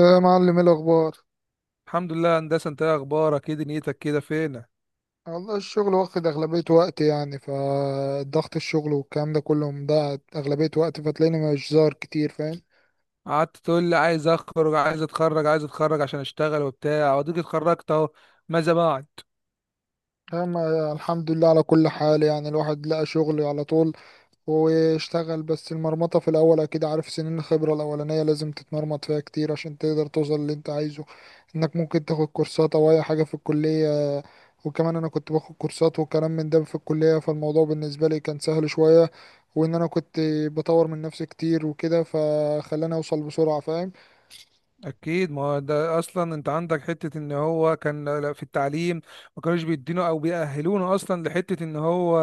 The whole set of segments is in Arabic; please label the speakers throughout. Speaker 1: يا معلم، ايه الاخبار؟
Speaker 2: الحمد لله يا هندسه. انت ايه اخبارك؟ ايه دنيتك كده؟ فينك؟
Speaker 1: والله الشغل واخد اغلبية وقتي، يعني فضغط الشغل والكلام ده كله مضيع اغلبية وقتي، فتلاقيني مش ظاهر كتير، فاهم.
Speaker 2: قعدت تقول لي عايز اخرج، عايز اتخرج عشان اشتغل وبتاع، واديك اتخرجت اهو. ماذا بعد؟
Speaker 1: اما الحمد لله على كل حال، يعني الواحد لقى شغل على طول واشتغل. بس المرمطة في الأول أكيد، عارف سنين الخبرة الأولانية لازم تتمرمط فيها كتير عشان تقدر توصل اللي أنت عايزه. إنك ممكن تاخد كورسات أو أي حاجة في الكلية، وكمان أنا كنت باخد كورسات وكلام من ده في الكلية، فالموضوع بالنسبة لي كان سهل شوية. وإن أنا كنت بطور من نفسي كتير وكده فخلاني أوصل بسرعة، فاهم.
Speaker 2: اكيد، ما هو ده اصلا انت عندك حته ان هو كان في التعليم ما كانوش بيدينه او بيأهلونا اصلا لحته ان هو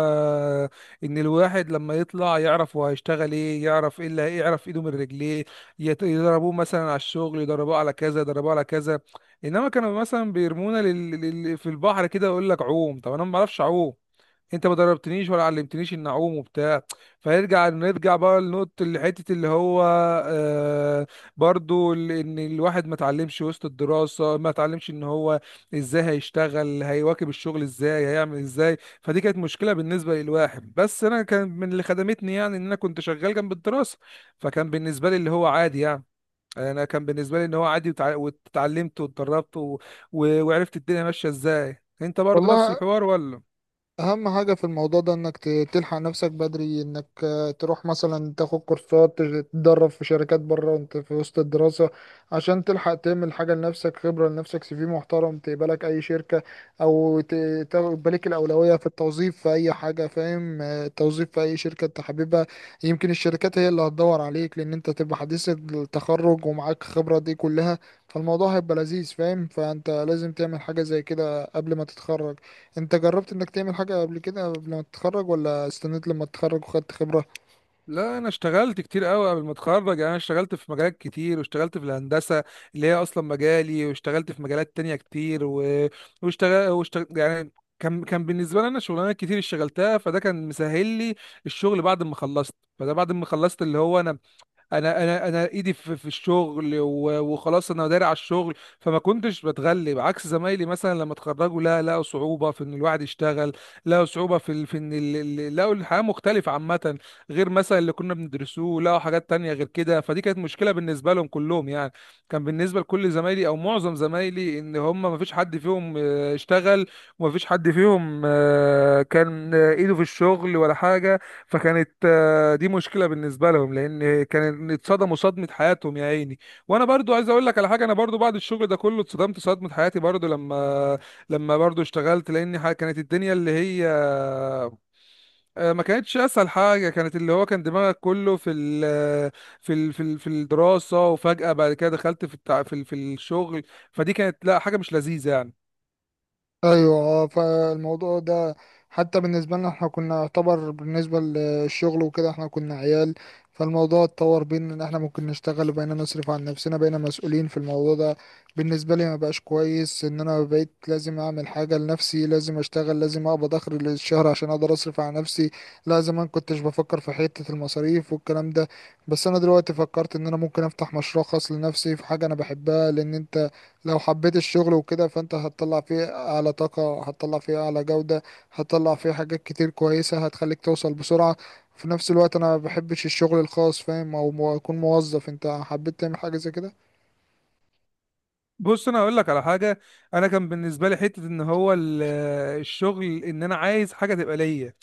Speaker 2: ان الواحد لما يطلع يعرف هو هيشتغل ايه، يعرف ايه يعرف ايده من رجليه. يضربوه مثلا على الشغل، يضربوه على كذا، يضربوه على كذا. انما كانوا مثلا بيرمونا في البحر كده، يقول لك عوم، طب انا ما بعرفش اعوم، انت ما دربتنيش ولا علمتنيش ان اعوم وبتاع. نرجع بقى لنقطة الحتة اللي هو آه، برضو ان الواحد ما اتعلمش وسط الدراسة، ما اتعلمش ان هو ازاي هيشتغل، هيواكب الشغل ازاي، هيعمل ازاي. فدي كانت مشكلة بالنسبة للواحد. بس انا كان من اللي خدمتني يعني ان انا كنت شغال جنب الدراسة، فكان بالنسبة لي اللي هو عادي يعني. انا كان بالنسبة لي ان هو عادي، واتعلمت واتدربت وعرفت الدنيا ماشية ازاي. انت برضو نفس
Speaker 1: والله،
Speaker 2: الحوار ولا؟
Speaker 1: اهم حاجة في الموضوع ده انك تلحق نفسك بدري، انك تروح مثلا تاخد كورسات، تتدرب في شركات بره وانت في وسط الدراسة، عشان تلحق تعمل حاجة لنفسك، خبرة لنفسك، سي في محترم تقبلك اي شركة، او تاخد لك الاولوية في التوظيف في اي حاجة، فاهم. التوظيف في اي شركة انت حاببها، يمكن الشركات هي اللي هتدور عليك، لان انت تبقى حديث التخرج ومعاك خبرة دي كلها، فالموضوع هيبقى لذيذ، فاهم. فانت لازم تعمل حاجة زي كده قبل ما تتخرج. انت جربت انك تعمل حاجة قبل كده قبل ما تتخرج، ولا استنيت لما تتخرج وخدت خبرة؟
Speaker 2: لا، انا اشتغلت كتير قوي قبل ما اتخرج. يعني انا اشتغلت في مجالات كتير، واشتغلت في الهندسه اللي هي اصلا مجالي، واشتغلت في مجالات تانية كتير و... واشتغل يعني. كان بالنسبه لي انا شغلانات كتير اشتغلتها، فده كان مسهل لي الشغل بعد ما خلصت. فده بعد ما خلصت اللي هو انا ايدي في الشغل وخلاص انا داري على الشغل. فما كنتش بتغلب عكس زمايلي مثلا لما اتخرجوا، لا، لقوا صعوبه في ان الواحد يشتغل. لقوا صعوبه في لقوا الحياه مختلفه عامه، غير مثلا اللي كنا بندرسوه، لقوا حاجات تانية غير كده. فدي كانت مشكله بالنسبه لهم كلهم يعني. كان بالنسبه لكل زمايلي او معظم زمايلي ان هم ما فيش حد فيهم اشتغل، وما فيش حد فيهم آه، كان آه، ايده في الشغل ولا حاجه. فكانت دي مشكله بالنسبه لهم، لان كان اتصدموا صدمه حياتهم يا عيني. وانا برضو عايز اقول لك على حاجه، انا برضو بعد الشغل ده كله اتصدمت صدمه حياتي برضو لما برضو اشتغلت، لان كانت الدنيا اللي هي ما كانتش اسهل حاجه. كانت اللي هو كان دماغك كله في ال في ال في ال في الدراسه، وفجاه بعد كده دخلت في في الشغل. فدي كانت لا حاجه مش لذيذه يعني.
Speaker 1: ايوه، فالموضوع ده حتى بالنسبه لنا احنا كنا يعتبر، بالنسبه للشغل وكده احنا كنا عيال، فالموضوع اتطور بينا ان احنا ممكن نشتغل، وبقينا نصرف عن نفسنا، بقينا مسؤولين في الموضوع ده. بالنسبه لي ما بقاش كويس ان انا بقيت لازم اعمل حاجه لنفسي، لازم اشتغل، لازم اقبض اخر الشهر عشان اقدر اصرف على نفسي. لا زمان كنتش بفكر في حته المصاريف والكلام ده. بس انا دلوقتي فكرت ان انا ممكن افتح مشروع خاص لنفسي في حاجه انا بحبها، لان انت لو حبيت الشغل وكده فانت هتطلع فيه اعلى طاقة، هتطلع فيه اعلى جودة، هتطلع فيه حاجات كتير كويسة هتخليك توصل بسرعة. في نفس الوقت انا ما بحبش الشغل الخاص، فاهم، او اكون موظف. انت حبيت تعمل حاجة زي كده؟
Speaker 2: بص، انا هقول لك على حاجه. انا كان بالنسبه لي حته ان هو الشغل ان انا عايز حاجه تبقى ليا،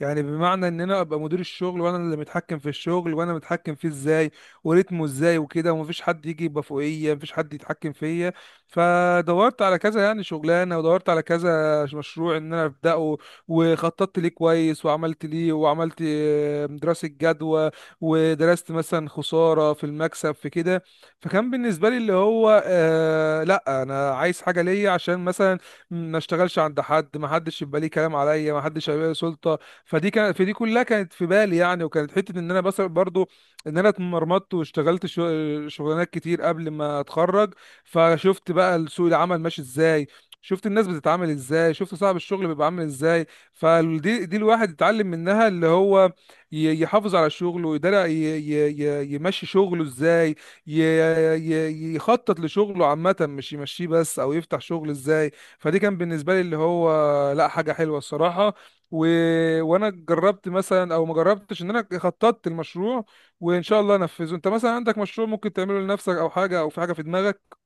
Speaker 2: يعني بمعنى ان انا ابقى مدير الشغل، وانا اللي متحكم في الشغل، وانا متحكم فيه ازاي وريتمه ازاي وكده، ومفيش حد يجي يبقى فوقيه، مفيش حد يتحكم فيا. فدورت على كذا يعني شغلانه، ودورت على كذا مشروع ان انا ابداه، وخططت ليه كويس، وعملت ليه، وعملت دراسه جدوى، ودرست مثلا خساره في المكسب في كده. فكان بالنسبه لي اللي هو آه، لا انا عايز حاجه ليا عشان مثلا ما اشتغلش عند حد، ما حدش يبقى ليه كلام عليا، ما حدش هيبقى ليه سلطه. فدي كانت في، دي كلها كانت في بالي يعني. وكانت حته ان انا بس برضو ان انا اتمرمطت واشتغلت شغلانات كتير قبل ما اتخرج، فشفت بقى سوق العمل ماشي ازاي، شفت الناس بتتعامل ازاي، شفت صاحب الشغل بيبقى عامل ازاي. فدي الواحد يتعلم منها اللي هو يحافظ على شغله، ويقدر يمشي شغله ازاي، يخطط لشغله عامة، مش يمشيه بس، أو يفتح شغل إزاي. فدي كان بالنسبة لي اللي هو لا حاجة حلوة الصراحة. و... وأنا جربت مثلا أو ما جربتش إن أنا خططت المشروع، وإن شاء الله أنفذه. أنت مثلا عندك مشروع ممكن تعمله لنفسك، أو حاجة، أو في حاجة في دماغك؟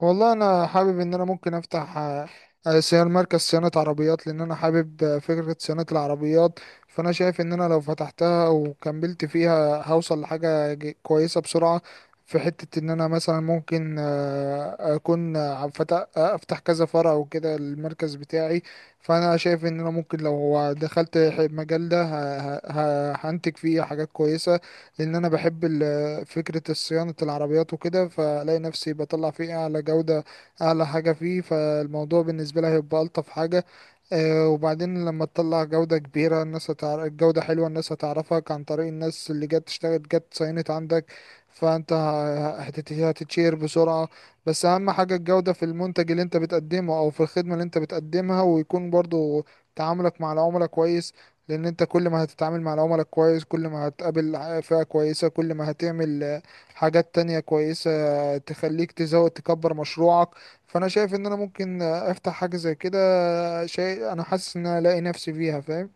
Speaker 1: والله انا حابب ان انا ممكن افتح صيانه، مركز صيانه عربيات، لان انا حابب فكره صيانه العربيات. فانا شايف ان انا لو فتحتها وكملت فيها هوصل لحاجه كويسه بسرعه، في حته ان انا مثلا ممكن اكون آه، فتح آه، افتح كذا فرع وكده المركز بتاعي. فانا شايف ان انا ممكن لو دخلت المجال ده هنتج فيه حاجات كويسه، لان انا بحب فكرة صيانة العربيات وكده، فلاقي نفسي بطلع فيه أعلى جودة، أعلى حاجة فيه، فالموضوع بالنسبة لي هيبقى ألطف حاجة. وبعدين لما تطلع جودة كبيرة الناس هتعرف جودة حلوة، الناس هتعرفك عن طريق الناس اللي جت اشتغلت، جت ساينت عندك، فانت هتتشير بسرعة. بس اهم حاجة الجودة في المنتج اللي انت بتقدمه، او في الخدمة اللي انت بتقدمها، ويكون برضو تعاملك مع العملاء كويس. لان انت كل ما هتتعامل مع العملاء كويس، كل ما هتقابل فئة كويسة، كل ما هتعمل حاجات تانية كويسة تخليك تزود، تكبر مشروعك. فانا شايف ان انا ممكن افتح حاجة زي كده، شيء انا حاسس ان أنا الاقي نفسي فيها، فاهم.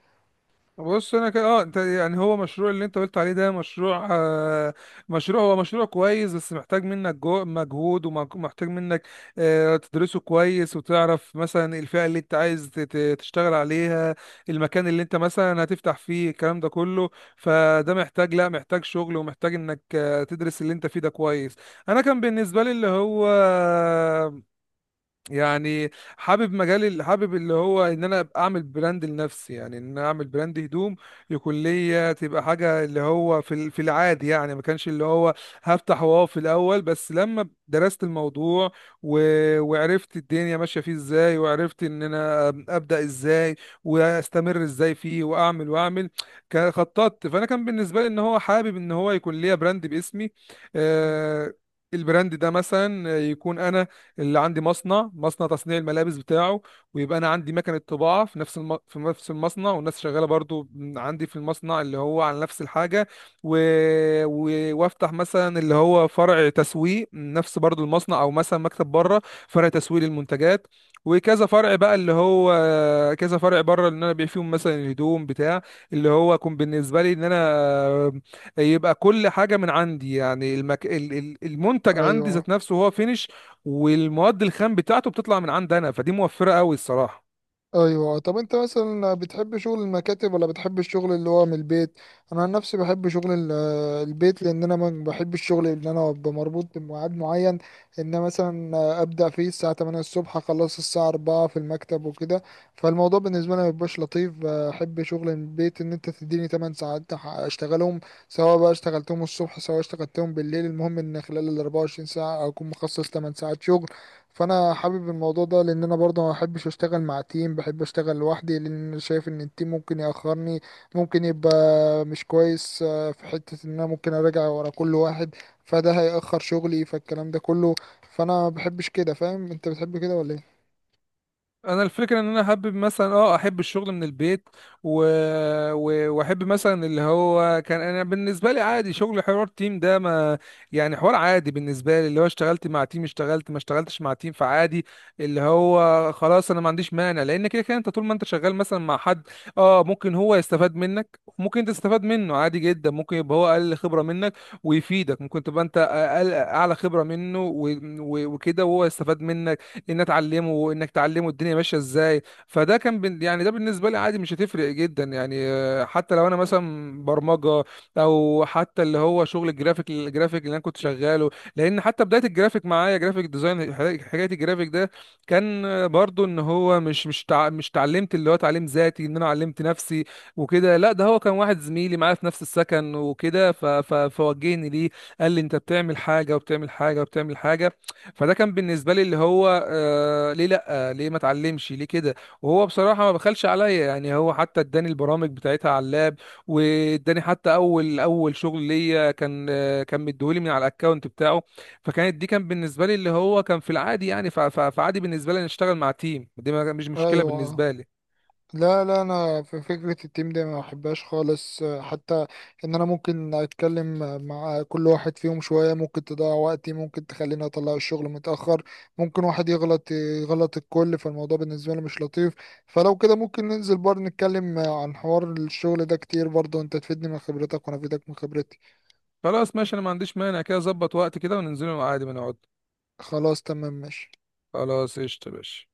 Speaker 2: بص انا كده اه، انت يعني هو مشروع اللي انت قلت عليه ده مشروع آه مشروع هو مشروع كويس، بس محتاج منك جو مجهود، ومحتاج منك آه، تدرسه كويس، وتعرف مثلا الفئة اللي انت عايز تشتغل عليها، المكان اللي انت مثلا هتفتح فيه، الكلام ده كله. فده محتاج، لا، محتاج شغل، ومحتاج انك آه، تدرس اللي انت فيه ده كويس. انا كان بالنسبة لي اللي هو يعني حابب مجال حابب اللي هو ان انا أبقى اعمل براند لنفسي. يعني ان انا اعمل براند هدوم يكون ليا، تبقى حاجه اللي هو في في العادي يعني. ما كانش اللي هو هفتح واو في الاول، بس لما درست الموضوع و... وعرفت الدنيا ماشيه فيه ازاي، وعرفت ان انا ابدا ازاي واستمر ازاي فيه، واعمل واعمل، خططت. فانا كان بالنسبه لي ان هو حابب ان هو يكون ليا براند باسمي آه. البراند ده مثلا يكون انا اللي عندي مصنع، تصنيع الملابس بتاعه، ويبقى انا عندي مكنه طباعه في نفس في نفس المصنع، والناس شغاله برضو عندي في المصنع اللي هو على نفس الحاجه، و... و... وافتح مثلا اللي هو فرع تسويق نفس برضو المصنع، او مثلا مكتب بره، فرع تسويق للمنتجات، وكذا فرع بقى اللي هو كذا فرع بره اللي انا ببيع فيهم مثلا الهدوم بتاع، اللي هو يكون بالنسبه لي ان انا يبقى كل حاجه من عندي. يعني المنتج عندي
Speaker 1: ايوه.
Speaker 2: ذات نفسه هو فينش، والمواد الخام بتاعته بتطلع من عند انا، فدي موفره قوي الصراحه.
Speaker 1: ايوه، طب انت مثلا بتحب شغل المكاتب ولا بتحب الشغل اللي هو من البيت؟ انا عن نفسي بحب شغل البيت، لان انا ما بحبش الشغل اللي انا ابقى مربوط بميعاد معين، ان أنا مثلا ابدا فيه الساعه 8 الصبح اخلص الساعه 4 في المكتب وكده. فالموضوع بالنسبه لي ما بيبقاش لطيف، بحب شغل البيت، ان انت تديني 8 ساعات اشتغلهم، سواء بقى اشتغلتهم الصبح سواء اشتغلتهم بالليل، المهم ان خلال ال 24 ساعه اكون مخصص 8 ساعات شغل. فانا حابب الموضوع ده لان انا برضه ما بحبش اشتغل مع تيم، بحب اشتغل لوحدي، لان أنا شايف ان التيم ممكن ياخرني، ممكن يبقى مش كويس. في حتة ان انا ممكن اراجع ورا كل واحد، فده هيأخر شغلي فالكلام ده كله. فانا ما بحبش كده، فاهم. انت بتحب كده ولا ايه؟
Speaker 2: انا الفكره ان انا احب مثلا اه، احب الشغل من البيت، و... و... واحب مثلا اللي هو كان انا بالنسبه لي عادي شغل حوار تيم ده، ما يعني حوار عادي بالنسبه لي. اللي هو اشتغلت مع تيم، اشتغلت ما اشتغلتش مع تيم، فعادي. اللي هو خلاص، انا ما عنديش مانع، لان كده كده انت طول ما انت شغال مثلا مع حد اه، ممكن هو يستفاد منك، ممكن انت تستفاد منه، عادي جدا. ممكن يبقى هو اقل خبره منك ويفيدك، ممكن تبقى انت اقل اعلى خبره منه و... و... وكده وهو يستفاد منك، ان اتعلمه وانك تعلمه الدنيا ماشيه ازاي. فده كان يعني ده بالنسبه لي عادي، مش هتفرق جدا يعني آه، حتى لو انا مثلا برمجه، او حتى اللي هو شغل الجرافيك. اللي انا كنت شغاله، لان حتى بدايه الجرافيك معايا جرافيك ديزاين، حكاية الجرافيك ده كان آه، برضو ان هو مش اتعلمت اللي هو تعليم ذاتي ان انا علمت نفسي وكده، لا، ده هو كان واحد زميلي معايا في نفس السكن وكده، فوجهني ليه. قال لي انت بتعمل حاجه، وبتعمل حاجه، وبتعمل حاجه. فده كان بالنسبه لي اللي هو آه، ليه لا، ليه ما اتعلمش، ليه كده؟ وهو بصراحه ما بخلش عليا يعني. هو حتى اداني البرامج بتاعتها على اللاب، واداني حتى اول شغل ليا كان آه، كان مديهولي من على الاكونت بتاعه. فكانت دي، كان بالنسبه لي اللي هو كان في العادي يعني. فعادي بالنسبه لي أن اشتغل مع تيم، دي مش مشكله
Speaker 1: ايوه
Speaker 2: بالنسبه لي.
Speaker 1: لا، لا، انا في فكره التيم دي ما بحبهاش خالص، حتى ان انا ممكن اتكلم مع كل واحد فيهم شويه، ممكن تضيع وقتي، ممكن تخليني اطلع الشغل متاخر، ممكن واحد يغلط يغلط الكل. فالموضوع بالنسبه لي مش لطيف. فلو كده ممكن ننزل برضه نتكلم عن حوار الشغل ده كتير، برضه انت تفيدني من خبرتك وانا افيدك من خبرتي.
Speaker 2: خلاص ماشي، انا ما عنديش مانع كده. اظبط وقت كده وننزله عادي، ما نقعد.
Speaker 1: خلاص تمام ماشي.
Speaker 2: خلاص قشطه يا باشا.